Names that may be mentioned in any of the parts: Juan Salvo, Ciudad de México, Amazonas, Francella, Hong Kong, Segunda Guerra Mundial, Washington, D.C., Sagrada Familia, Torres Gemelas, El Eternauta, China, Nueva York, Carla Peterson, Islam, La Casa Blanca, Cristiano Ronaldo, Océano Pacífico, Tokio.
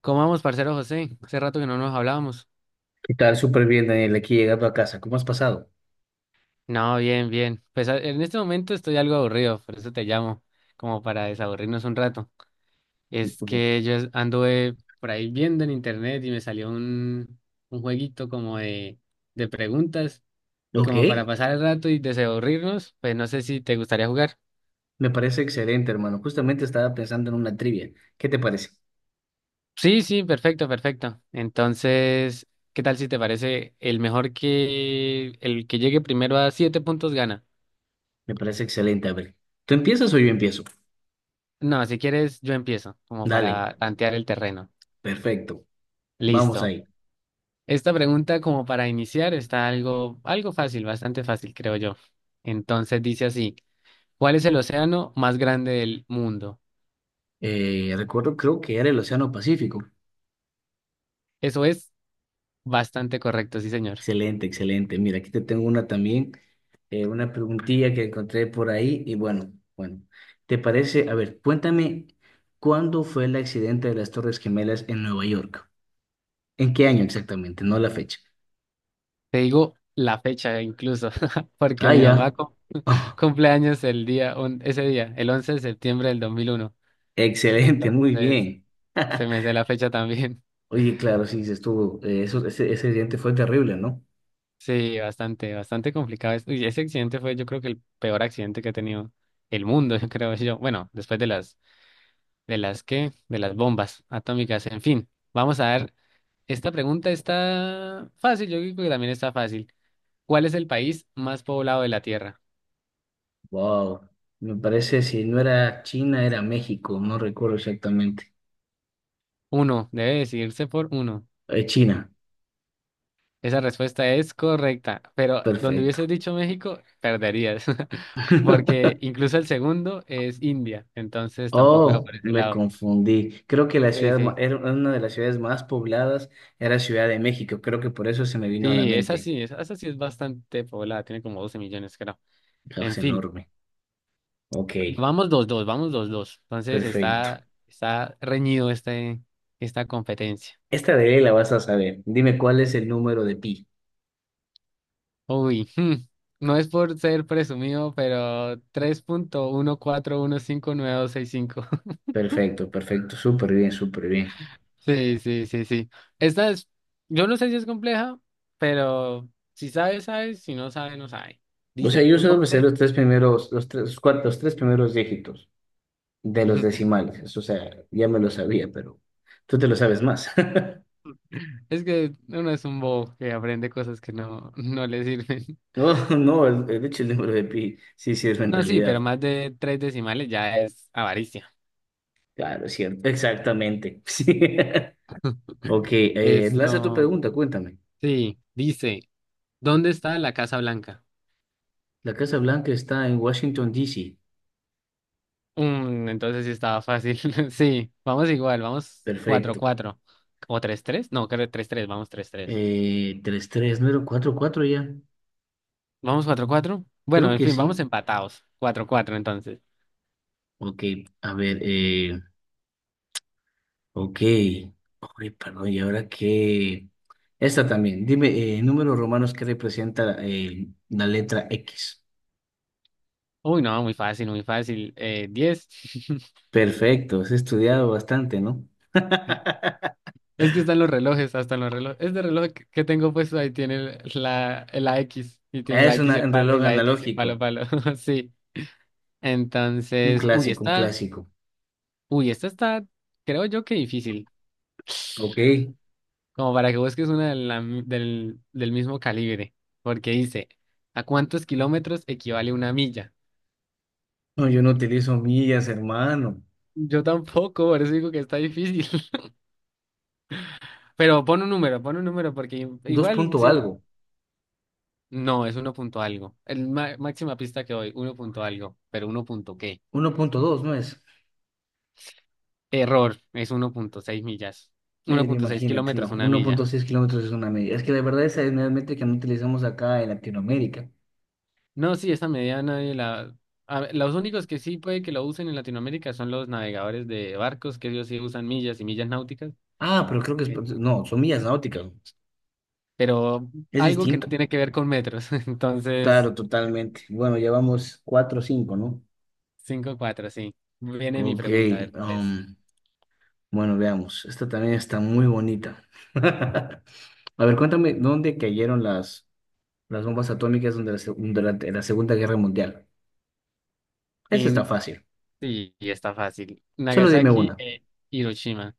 ¿Cómo vamos, parcero José? Hace rato que no nos hablábamos. ¿Qué tal? Súper bien, Daniel, aquí llegando a casa. ¿Cómo has pasado? No, bien, bien. Pues en este momento estoy algo aburrido, por eso te llamo, como para desaburrirnos un rato. Es Ok. que yo anduve por ahí viendo en internet y me salió un jueguito como de preguntas y Ok, como para pasar el rato y desaburrirnos, pues no sé si te gustaría jugar. me parece excelente, hermano. Justamente estaba pensando en una trivia. ¿Qué te parece? Sí, sí, perfecto, perfecto. Entonces, ¿qué tal si te parece el mejor que el que llegue primero a 7 puntos gana? Me parece excelente. A ver, ¿tú empiezas o yo empiezo? No, si quieres, yo empiezo, como Dale, para tantear el terreno. perfecto. Vamos Listo. ahí. Esta pregunta, como para iniciar, está algo, algo fácil, bastante fácil, creo yo. Entonces dice así, ¿cuál es el océano más grande del mundo? Recuerdo, creo que era el Océano Pacífico. Eso es bastante correcto, sí, señor. Excelente, excelente. Mira, aquí te tengo una también, una preguntilla que encontré por ahí. Y bueno, ¿te parece? A ver, cuéntame, ¿cuándo fue el accidente de las Torres Gemelas en Nueva York? ¿En qué año exactamente? No la fecha. Te digo la fecha incluso, porque Ah, mi mamá ya. Cumple años el día, ese día, el 11 de septiembre del 2001. Excelente, muy Entonces, bien. se me sé la fecha también. Oye, claro, sí, dices estuvo. Ese accidente fue terrible, ¿no? Sí, bastante, bastante complicado. Uy, ese accidente fue, yo creo que el peor accidente que ha tenido el mundo, yo creo yo. Bueno, después de las bombas atómicas. En fin, vamos a ver. Esta pregunta está fácil, yo creo que también está fácil. ¿Cuál es el país más poblado de la Tierra? Wow. Me parece, si no era China, era México, no recuerdo exactamente. Uno, debe decidirse por uno. China, Esa respuesta es correcta, pero donde perfecto. hubieses dicho México, perderías, porque incluso el segundo es India, entonces tampoco va Oh, por ese me lado. confundí. Creo que Sí, sí. era una de las ciudades más pobladas era Ciudad de México. Creo que por eso se me vino a la Sí, esa mente. sí, esa, esa sí es bastante poblada, tiene como 12 millones, creo. Ah, En es fin, enorme. Ok, vamos 2-2, vamos 2-2. Entonces perfecto. está reñido esta competencia. Esta de ley la vas a saber. Dime cuál es el número de pi. Uy, hmm, no es por ser presumido, pero 3,114159265. Perfecto, perfecto, súper bien, súper bien. Sí, sí, sí, sí. Esta es, yo no sé si es compleja, pero si sabes, sabes, si no sabes, no sabes. O sea, Dice, yo solo me sé ¿dónde? los tres primeros, los tres primeros dígitos de los decimales. Eso, o sea, ya me lo sabía, pero tú te lo sabes más. Es que uno es un bobo que aprende cosas que no le sirven. No, no, de hecho el número de pi sí sirve en No, sí, pero realidad. más de tres decimales ya es avaricia. Claro, es cierto, exactamente. Sí. Ok, lanza tu Esto, pregunta, cuéntame. sí, dice, ¿dónde está la Casa Blanca? La Casa Blanca está en Washington, D. C. Mm, entonces sí estaba fácil. Sí, vamos igual, vamos cuatro Perfecto. cuatro o 3-3. No, creo 3-3, vamos 3-3, Tres 3, ¿no era un 4-4 ya? vamos 4-4. Bueno, Creo en que fin, vamos sí. empatados. 4-4 entonces. Ok, a ver. Ok. Ay, perdón, ¿y ahora qué? Esta también. Dime, números romanos que representa la letra X. Uy, no, muy fácil, muy fácil. 10. Perfecto, has estudiado bastante, ¿no? Es que están los relojes, hasta en los relojes. Este reloj que tengo puesto ahí tiene la, la X. Y tiene la X y el Un palo, y reloj la X y el palo, analógico. palo. Sí. Un Entonces, clásico, un clásico. uy, esta está, creo yo que difícil, Ok. como para que busques una de del mismo calibre, porque dice, ¿a cuántos kilómetros equivale una milla? No, yo no utilizo millas, hermano. Yo tampoco, por eso digo que está difícil. Pero pon un número, porque Dos igual, punto algo. no, es uno punto algo. El máxima pista que doy, uno punto algo, pero uno punto qué. 1,2, ¿no es? Error, es 1,6 millas. uno Mira, punto seis imagínate, no. kilómetros, una Uno punto milla. seis kilómetros es una milla. Es que la verdad esa es una métrica que no utilizamos acá en Latinoamérica. No, sí, esa medida nadie la... A ver, los únicos que sí puede que lo usen en Latinoamérica son los navegadores de barcos, que ellos sí usan millas y millas náuticas, Ah, pero creo que es... eh, No, son millas náuticas. pero Es algo que no distinto. tiene que ver con metros. Entonces, Claro, totalmente. Bueno, llevamos cuatro o cinco, ¿no? 5-4, sí. Viene mi Ok, pregunta, a ver cuál es. um, bueno, veamos. Esta también está muy bonita. A ver, cuéntame, ¿dónde cayeron las bombas atómicas durante la Segunda Guerra Mundial? Esa está Y, fácil. sí, y está fácil. Solo dime Nagasaki una. e Hiroshima.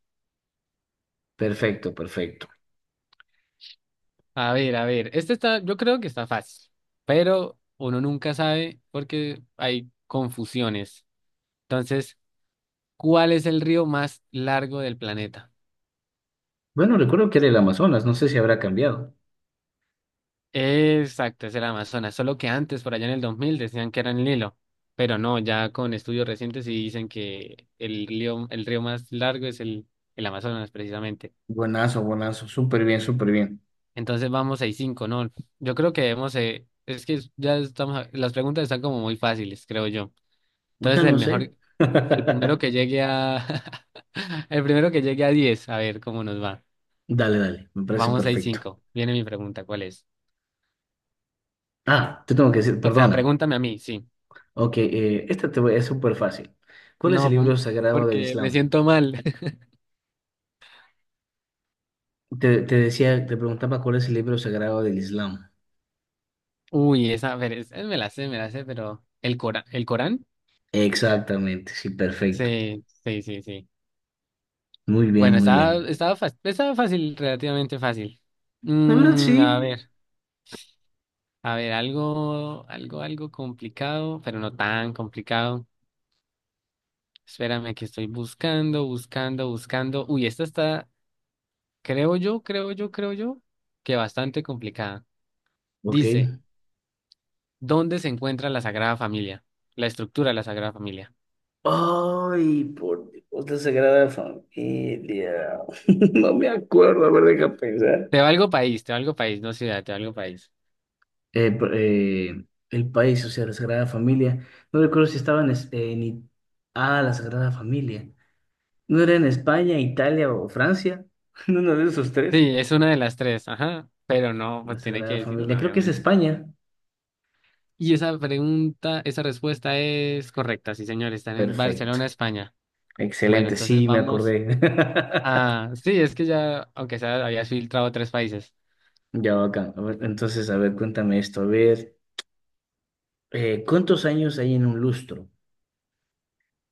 Perfecto, perfecto. A ver, este está, yo creo que está fácil, pero uno nunca sabe porque hay confusiones. Entonces, ¿cuál es el río más largo del planeta? Bueno, recuerdo que era el Amazonas, no sé si habrá cambiado. Exacto, es el Amazonas, solo que antes, por allá en el 2000, decían que era el Nilo, pero no, ya con estudios recientes sí dicen que el río más largo es el Amazonas, precisamente. Buenazo, buenazo, súper bien, súper bien. Entonces vamos 6 cinco, ¿no? Yo creo que debemos, es que ya estamos, las preguntas están como muy fáciles, creo yo. O sea, Entonces el no mejor, sé. el primero que llegue a, el primero que llegue a 10, a ver cómo nos va. Dale, dale, me parece Vamos 6 perfecto. cinco, viene mi pregunta, ¿cuál es? Ah, te tengo que decir, O sea, perdona. pregúntame a mí, sí. Ok, es súper fácil. ¿Cuál es el No, libro pum, sagrado del porque me Islam? siento mal. Te decía, te preguntaba cuál es el libro sagrado del Islam. Uy, esa, a ver, me la sé, pero el Corán, Exactamente, sí, perfecto. sí, sí, sí, sí. Muy bien, Bueno, muy bien. Fácil, estaba fácil, relativamente fácil. La verdad, Mm, sí. A ver, algo, algo, algo complicado, pero no tan complicado. Espérame que estoy buscando, buscando, buscando. Uy, esta está, creo yo, creo yo, creo yo, que bastante complicada. Ok. Dice, ¿dónde se encuentra la Sagrada Familia? La estructura de la Sagrada Familia. Ay, por Dios, la Sagrada Familia. No me acuerdo, a ver, deja pensar. Te valgo país, no ciudad, te valgo país. Eh, pr- eh, el país, o sea, la Sagrada Familia. No recuerdo si estaba en, es- en I- Ah, la Sagrada Familia. ¿No era en España, Italia o Francia? ¿En uno de esos tres? Sí, es una de las tres, ajá, pero no, La pues tiene que Sagrada decir Familia, una, creo que es obviamente. España. Y esa pregunta, esa respuesta es correcta, sí, señor, están en Perfecto. Barcelona, España. Bueno, Excelente, entonces sí, me vamos acordé. a... Sí, es que ya, aunque sea, habías filtrado tres países. Ya, bacán. A ver, entonces, a ver, cuéntame esto. A ver, ¿cuántos años hay en un lustro?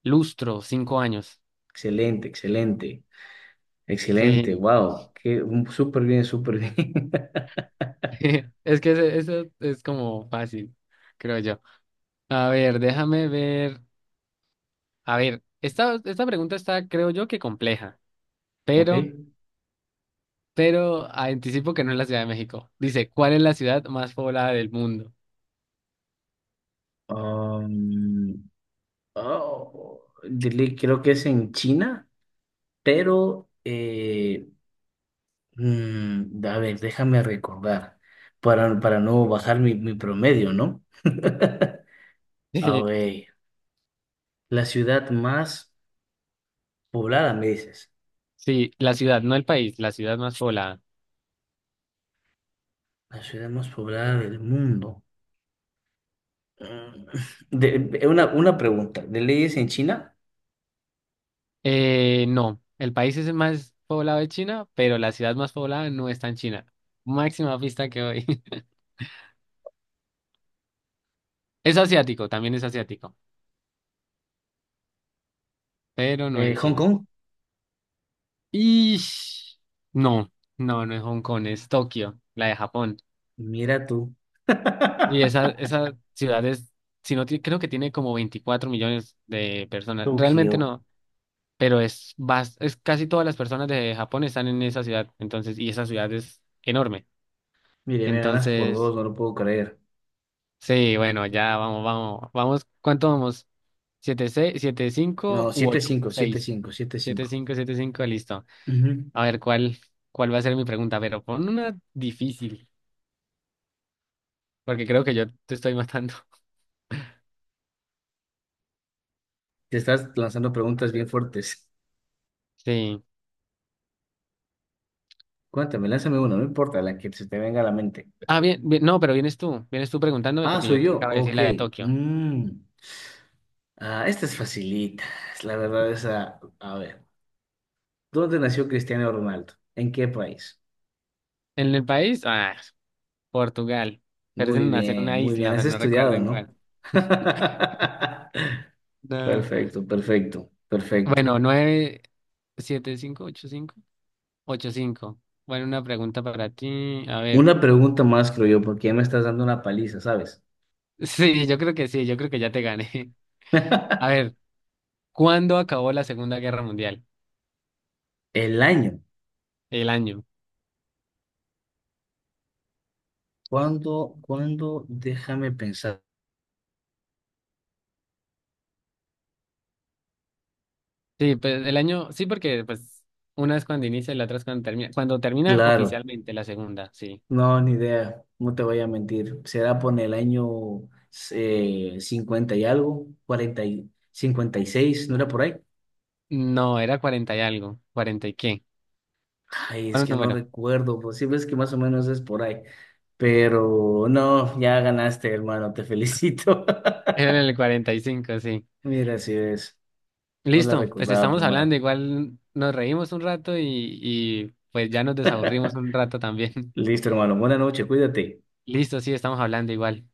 Lustro, 5 años. Excelente, excelente, excelente. Sí, Wow, súper bien, súper bien. es que eso es como fácil, creo yo. A ver, déjame ver. A ver, esta pregunta está, creo yo, que compleja, pero... pero anticipo que no es la Ciudad de México. Dice, ¿cuál es la ciudad más poblada del mundo? Ok. Oh, creo que es en China, pero, a ver, déjame recordar, para no bajar mi promedio, ¿no? A ver, la ciudad más poblada, me dices, Sí, la ciudad, no el país, la ciudad más poblada. la ciudad más poblada del mundo. Mm, una pregunta, ¿de leyes en China? No, el país es el más poblado de China, pero la ciudad más poblada no está en China. Máxima pista que doy. Es asiático, también es asiático, pero no es ¿Hong China. Kong? Y no, no, no es Hong Kong, es Tokio, la de Japón. Mira tú, Y esa ciudad es, si no, ti- creo que tiene como 24 millones de personas. Tokio. Realmente no. Pero es, es casi todas las personas de Japón están en esa ciudad, entonces, y esa ciudad es enorme. Mire, me ganas por dos, Entonces, no lo puedo creer. sí, bueno, ya vamos, vamos, vamos, ¿cuánto vamos? ¿Siete, seis, siete, No, cinco u siete ocho? cinco, siete Seis. cinco, siete Siete, cinco. cinco, siete, cinco, listo. Ujú. A ver, ¿cuál va a ser mi pregunta? Pero pon una difícil, porque creo que yo te estoy matando. Te estás lanzando preguntas bien fuertes. Sí. Cuéntame, lánzame una, no importa la que se te venga a la mente. Ah, bien, bien, no, pero vienes tú preguntándome Ah, porque yo soy te yo. acabo de decir Ok. la de Tokio. Mm. Ah, esta es facilita. Es La verdad es, a ver. ¿Dónde nació Cristiano Ronaldo? ¿En qué país? En el país, ah, Portugal, pero es Muy en bien, una muy bien. isla, Has pero no recuerdo estudiado, en ¿no? cuál. No. Perfecto, perfecto, perfecto. Bueno, 9 7 cinco, 8 cinco, 8 cinco. Bueno, una pregunta para ti. A ver. Una pregunta más, creo yo, porque ya me estás dando una paliza, ¿sabes? Sí, yo creo que sí, yo creo que ya te gané. A ver, ¿cuándo acabó la Segunda Guerra Mundial? El año. El año. ¿Cuándo, cuándo? Déjame pensar. Sí, pues el año, sí, porque pues una es cuando inicia y la otra es cuando termina. Cuando termina Claro. oficialmente la segunda, sí. No, ni idea, no te voy a mentir. Será por el año 50 y algo, 40 y 56. ¿No era por ahí? No, era 40 y algo. ¿Cuarenta y qué? Ay, es ¿Cuál que no número? recuerdo, pues sí ves que más o menos es por ahí. Pero no, ya ganaste, hermano, te felicito. Era en el 45, sí. Mira, así es, no la Listo, pues recordaba estamos por hablando, nada. igual nos reímos un rato y pues ya nos desaburrimos un rato también. Listo, hermano, buena noche, cuídate. Listo, sí, estamos hablando igual.